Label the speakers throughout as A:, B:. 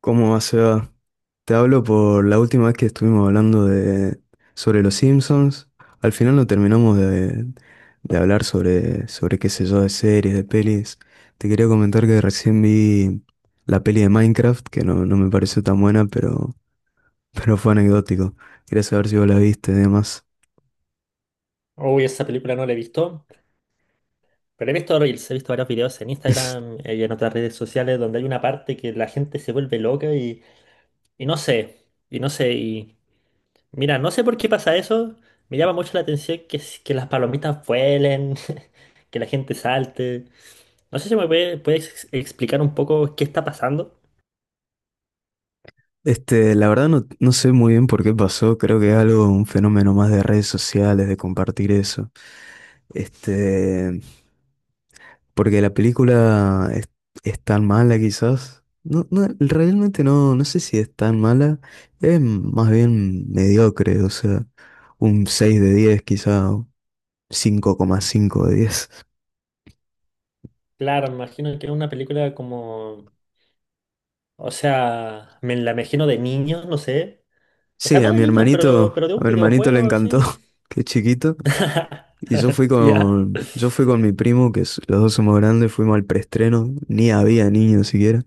A: ¿Cómo va, Seba? Te hablo por la última vez que estuvimos hablando sobre los Simpsons. Al final no terminamos de hablar sobre qué sé yo, de series, de pelis. Te quería comentar que recién vi la peli de Minecraft, que no me pareció tan buena, pero, pero fue anecdótico. Quería saber si vos la viste y demás.
B: Uy, esa película no la he visto, pero he visto Reels, he visto varios videos en Instagram y en otras redes sociales donde hay una parte que la gente se vuelve loca y mira, no sé por qué pasa eso, me llama mucho la atención que, que las palomitas vuelen, que la gente salte, no sé si puedes explicar un poco qué está pasando.
A: La verdad no sé muy bien por qué pasó. Creo que es algo, un fenómeno más de redes sociales, de compartir eso. Este. Porque la es tan mala quizás. No, no, realmente no sé si es tan mala. Es más bien mediocre, o sea, un 6 de 10, quizá, o 5,5 de 10.
B: Claro, me imagino que es una película como, o sea, me la imagino de niños, no sé, o sea,
A: Sí,
B: no de niños, pero de
A: a
B: un
A: mi hermanito le
B: videojuego,
A: encantó,
B: sí.
A: que es chiquito. Y
B: ¿Ya?
A: yo fui con mi primo, los dos somos grandes. Fuimos al preestreno, ni había niños siquiera.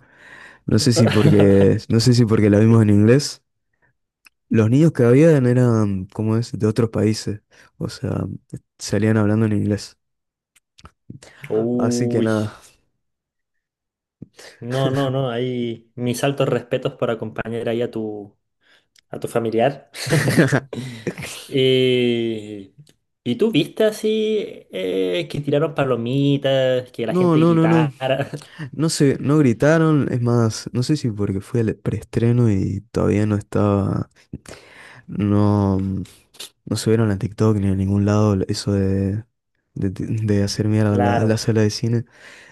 A: No sé si porque, no sé si porque la vimos en inglés. Los niños que habían eran, ¿cómo es?, de otros países. O sea, salían hablando en inglés. Así que
B: Uy.
A: nada.
B: No, no, no. Ahí mis altos respetos por acompañar ahí a tu familiar. Eh, ¿y tú viste así que tiraron palomitas, que la
A: No,
B: gente
A: no, no, no.
B: gritara?
A: No sé, no gritaron. Es más, no sé si porque fue el preestreno y todavía no estaba. No subieron a TikTok ni a ningún lado eso de hacer mierda a a la
B: Claro.
A: sala de cine.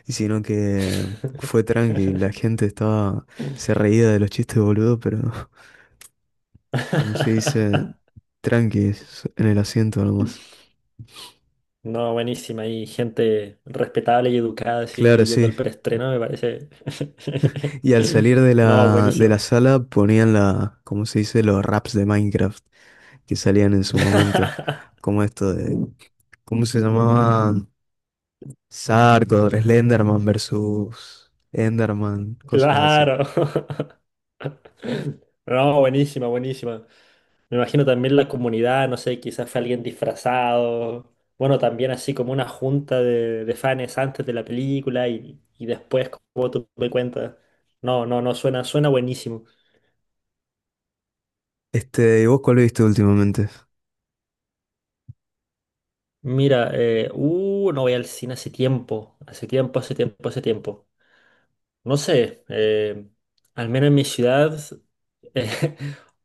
A: Y sino que fue tranqui. La gente estaba. Se reía de los chistes, boludo, pero. Como se dice, tranquis en el asiento nomás.
B: No, buenísima. Hay gente respetable y educada
A: Claro,
B: así yendo
A: sí.
B: al preestreno, me parece.
A: Y al salir de
B: No,
A: de
B: buenísimo.
A: la sala ponían la, como se dice, los raps de Minecraft que salían en su momento. Como esto de, ¿cómo se llamaba? Sarkor, Slenderman versus Enderman, cosas así.
B: Claro. No, buenísima, buenísima. Me imagino también la comunidad, no sé, quizás fue alguien disfrazado. Bueno, también así como una junta de fans antes de la película y después, como tú me cuentas. No, no, no, suena, suena buenísimo.
A: Este, ¿y vos cuál viste últimamente?
B: Mira, no voy al cine hace tiempo, hace tiempo, hace tiempo, hace tiempo. No sé, al menos en mi ciudad eh,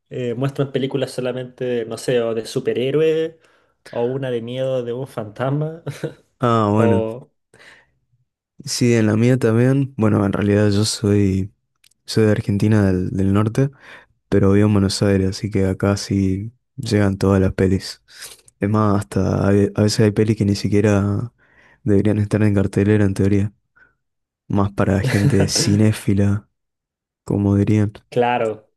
B: muestran películas solamente, no sé, o de superhéroes o una de miedo de un fantasma.
A: Ah, bueno.
B: Oh,
A: Sí, en la mía también. Bueno, en realidad soy de Argentina del norte. Pero vivo en Buenos Aires, así que acá sí llegan todas las pelis. Es más, a veces hay pelis que ni siquiera deberían estar en cartelera en teoría, más para gente cinéfila, como dirían.
B: claro.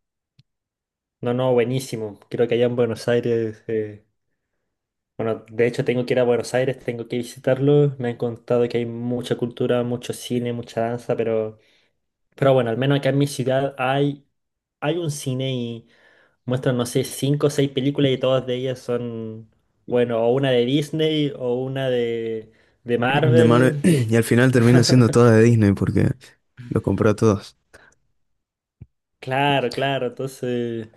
B: No, no, buenísimo. Creo que allá en Buenos Aires, bueno, de hecho tengo que ir a Buenos Aires, tengo que visitarlo. Me han contado que hay mucha cultura, mucho cine, mucha danza, pero bueno, al menos acá en mi ciudad hay, hay un cine y muestran, no sé, cinco o seis películas y todas de ellas son, bueno, o una de Disney o una de Marvel.
A: Y al final terminan siendo todas de Disney porque los compró a todos.
B: Claro, claro, entonces,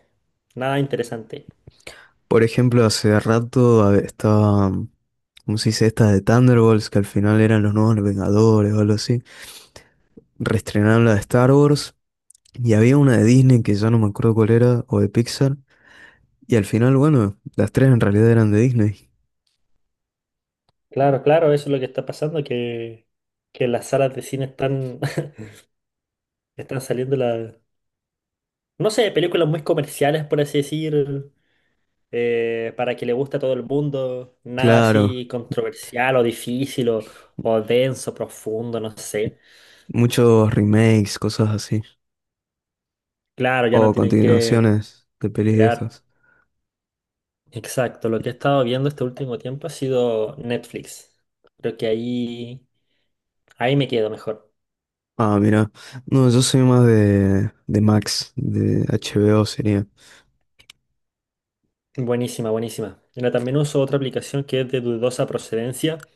B: nada interesante.
A: Por ejemplo, estaba, ¿cómo se dice? Esta de Thunderbolts, que al final eran los nuevos Vengadores o algo así. Reestrenaron la de Star Wars y había una de Disney que ya no me acuerdo cuál era, o de Pixar. Y al final, bueno, las tres en realidad eran de Disney.
B: Claro, claro, eso es lo que está pasando, que las salas de cine están, están saliendo la, no sé, películas muy comerciales, por así decir, para que le guste a todo el mundo, nada
A: Claro,
B: así controversial o difícil o denso, profundo, no sé.
A: muchos remakes, cosas así.
B: Claro, ya no
A: O
B: tienen que
A: continuaciones de pelis
B: crear.
A: viejas.
B: Exacto, lo que he estado viendo este último tiempo ha sido Netflix. Creo que ahí, ahí me quedo mejor.
A: Ah, mira. No, yo soy más de Max, de HBO sería.
B: Buenísima, buenísima. Mira, también uso otra aplicación que es de dudosa procedencia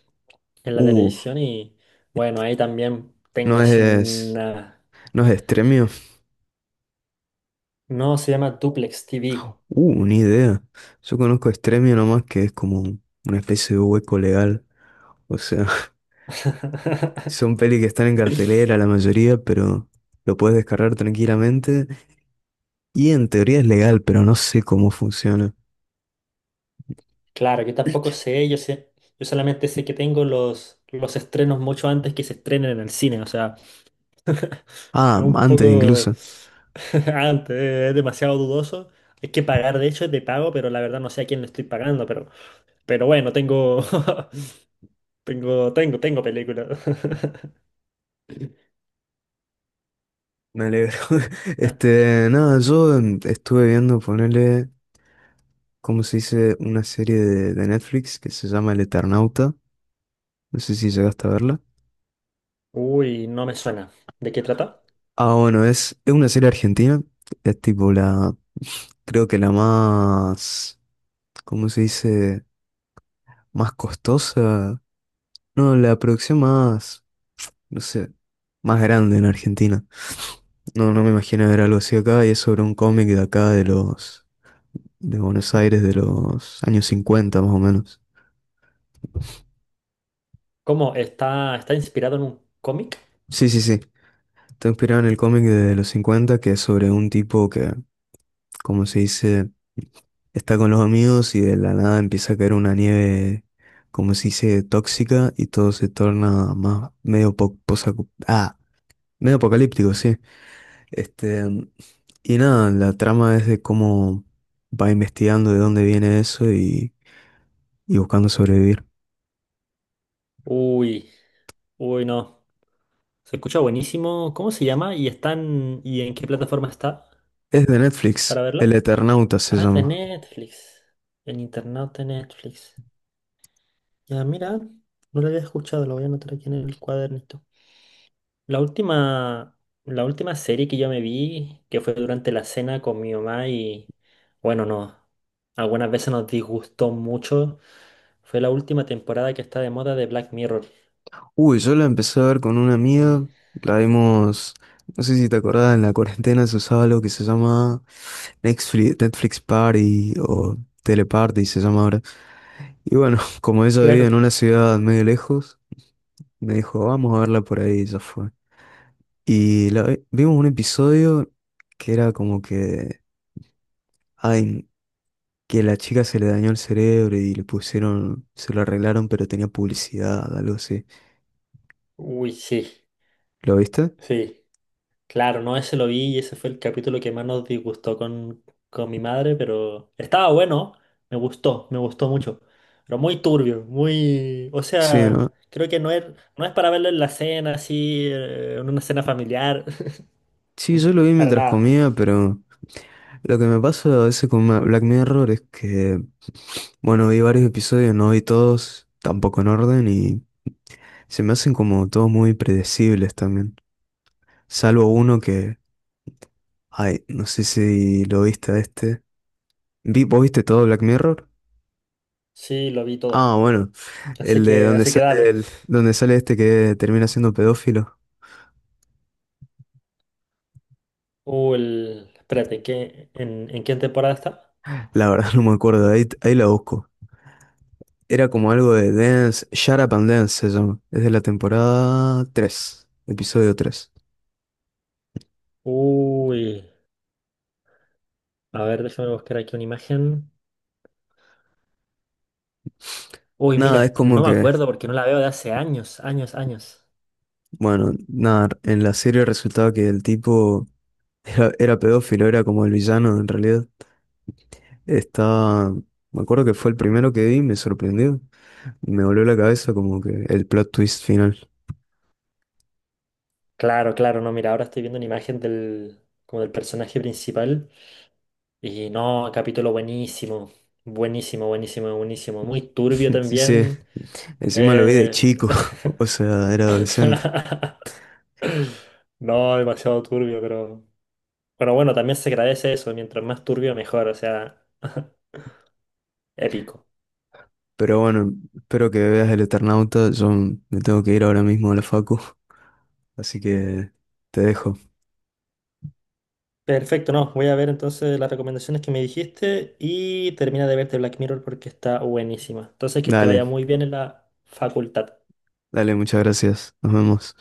B: en la
A: Uh,
B: televisión y bueno, ahí también tengo
A: no
B: así
A: es,
B: una...
A: no es Stremio.
B: No, se llama Duplex TV.
A: Ni idea. Yo conozco Extremio nomás, que es como una especie de hueco legal. O sea, son pelis que están en cartelera la mayoría, pero lo puedes descargar tranquilamente. Y en teoría es legal, pero no sé cómo funciona.
B: Claro, yo tampoco sé, yo sé, yo solamente sé que tengo los estrenos mucho antes que se estrenen en el cine, o sea,
A: Ah,
B: es un
A: antes
B: poco
A: incluso.
B: antes, es demasiado dudoso. Hay que pagar, de hecho es de pago, pero la verdad no sé a quién le estoy pagando, pero bueno, tengo Tengo película.
A: Me alegro.
B: Ah,
A: Este, nada, yo estuve viendo ponerle, ¿cómo se dice? Una serie de Netflix que se llama El Eternauta. No sé si llegaste a verla.
B: uy, no me suena. ¿De qué trata?
A: Ah, bueno, es una serie argentina. Es tipo la. Creo que la más, ¿cómo se dice? Más costosa. No, la producción más, no sé, más grande en Argentina. No, no me imagino ver algo así acá y es sobre un cómic de acá de Buenos Aires de los años 50 más o menos.
B: ¿Cómo? ¿Está, está inspirado en un cómic?
A: Sí, sí, sí. Está inspirado en el cómic de los 50 que es sobre un tipo que, como se dice, está con los amigos y de la nada empieza a caer una nieve, como se dice, tóxica y todo se torna más ah, medio apocalíptico, sí. Este, y nada, la trama es de cómo va investigando de dónde viene eso y buscando sobrevivir.
B: Uy, uy, no. Se escucha buenísimo. ¿Cómo se llama? ¿Y están, y en qué plataforma está
A: Es de
B: para
A: Netflix, El
B: verla?
A: Eternauta se
B: Ah, es de
A: llama.
B: Netflix. En internet de Netflix. Ya, mira, no lo había escuchado, lo voy a anotar aquí en el cuadernito. La última, la última serie que yo me vi, que fue durante la cena con mi mamá y bueno, no, algunas veces nos disgustó mucho, fue la última temporada que está de moda de Black Mirror.
A: Uy, yo la empecé a ver con una amiga,
B: Eh,
A: la vimos, no sé si te acordás, en la cuarentena se usaba algo que se llama Netflix Party o Teleparty se llama ahora. Y bueno, como ella vivía en
B: claro.
A: una ciudad medio lejos, me dijo, vamos a verla por ahí, y ya fue. Y vimos un episodio que era como que, ay, que la chica se le dañó el cerebro y le pusieron, se lo arreglaron, pero tenía publicidad, algo así.
B: Uy, sí,
A: ¿Lo viste?
B: sí. Claro, no, ese lo vi y ese fue el capítulo que más nos disgustó con mi madre, pero estaba bueno, me gustó mucho, pero muy turbio, muy, o
A: Sí,
B: sea,
A: ¿no?
B: creo que no es, no es para verlo en la cena, así, en una cena familiar,
A: Sí, yo lo vi
B: para
A: mientras
B: nada.
A: comía, pero lo que me pasa a veces con Black Mirror es que, bueno, vi varios episodios, no vi todos, tampoco en orden, y se me hacen como todos muy predecibles también. Salvo uno que, ay, no sé si lo viste a este. ¿Vos viste todo Black Mirror?
B: Sí, lo vi todo,
A: Ah, bueno, el de donde
B: así que
A: sale,
B: dale.
A: el, donde sale este que termina siendo pedófilo.
B: Uy, espérate, ¿qué, en qué temporada está?
A: La verdad no me acuerdo, ahí, ahí la busco. Era como algo de Dance, Shut Up and Dance se llama. Es de la temporada 3, episodio 3.
B: Uy, a ver, déjame buscar aquí una imagen. Uy, mira,
A: Nada,
B: es
A: es
B: que
A: como
B: no me
A: que,
B: acuerdo porque no la veo de hace años, años, años.
A: bueno, nada, en la serie resultaba que el tipo era pedófilo, era como el villano en realidad. Estaba, me acuerdo que fue el primero que vi, me sorprendió. Me voló la cabeza como que el plot twist final.
B: Claro, claro, no, mira, ahora estoy viendo una imagen del, como del personaje principal y no, capítulo buenísimo, buenísimo, buenísimo, buenísimo, muy turbio
A: Sí, sí,
B: también.
A: encima lo vi de
B: eh,
A: chico, o sea, era adolescente.
B: No, demasiado turbio, pero... Pero bueno, también se agradece eso, mientras más turbio mejor, o sea, épico.
A: Pero bueno, espero que veas el Eternauta. Yo me tengo que ir ahora mismo a la facu, así que te dejo.
B: Perfecto, no, voy a ver entonces las recomendaciones que me dijiste y termina de verte Black Mirror porque está buenísima. Entonces, que te vaya
A: Dale,
B: muy bien en la facultad.
A: dale, muchas gracias. Nos vemos.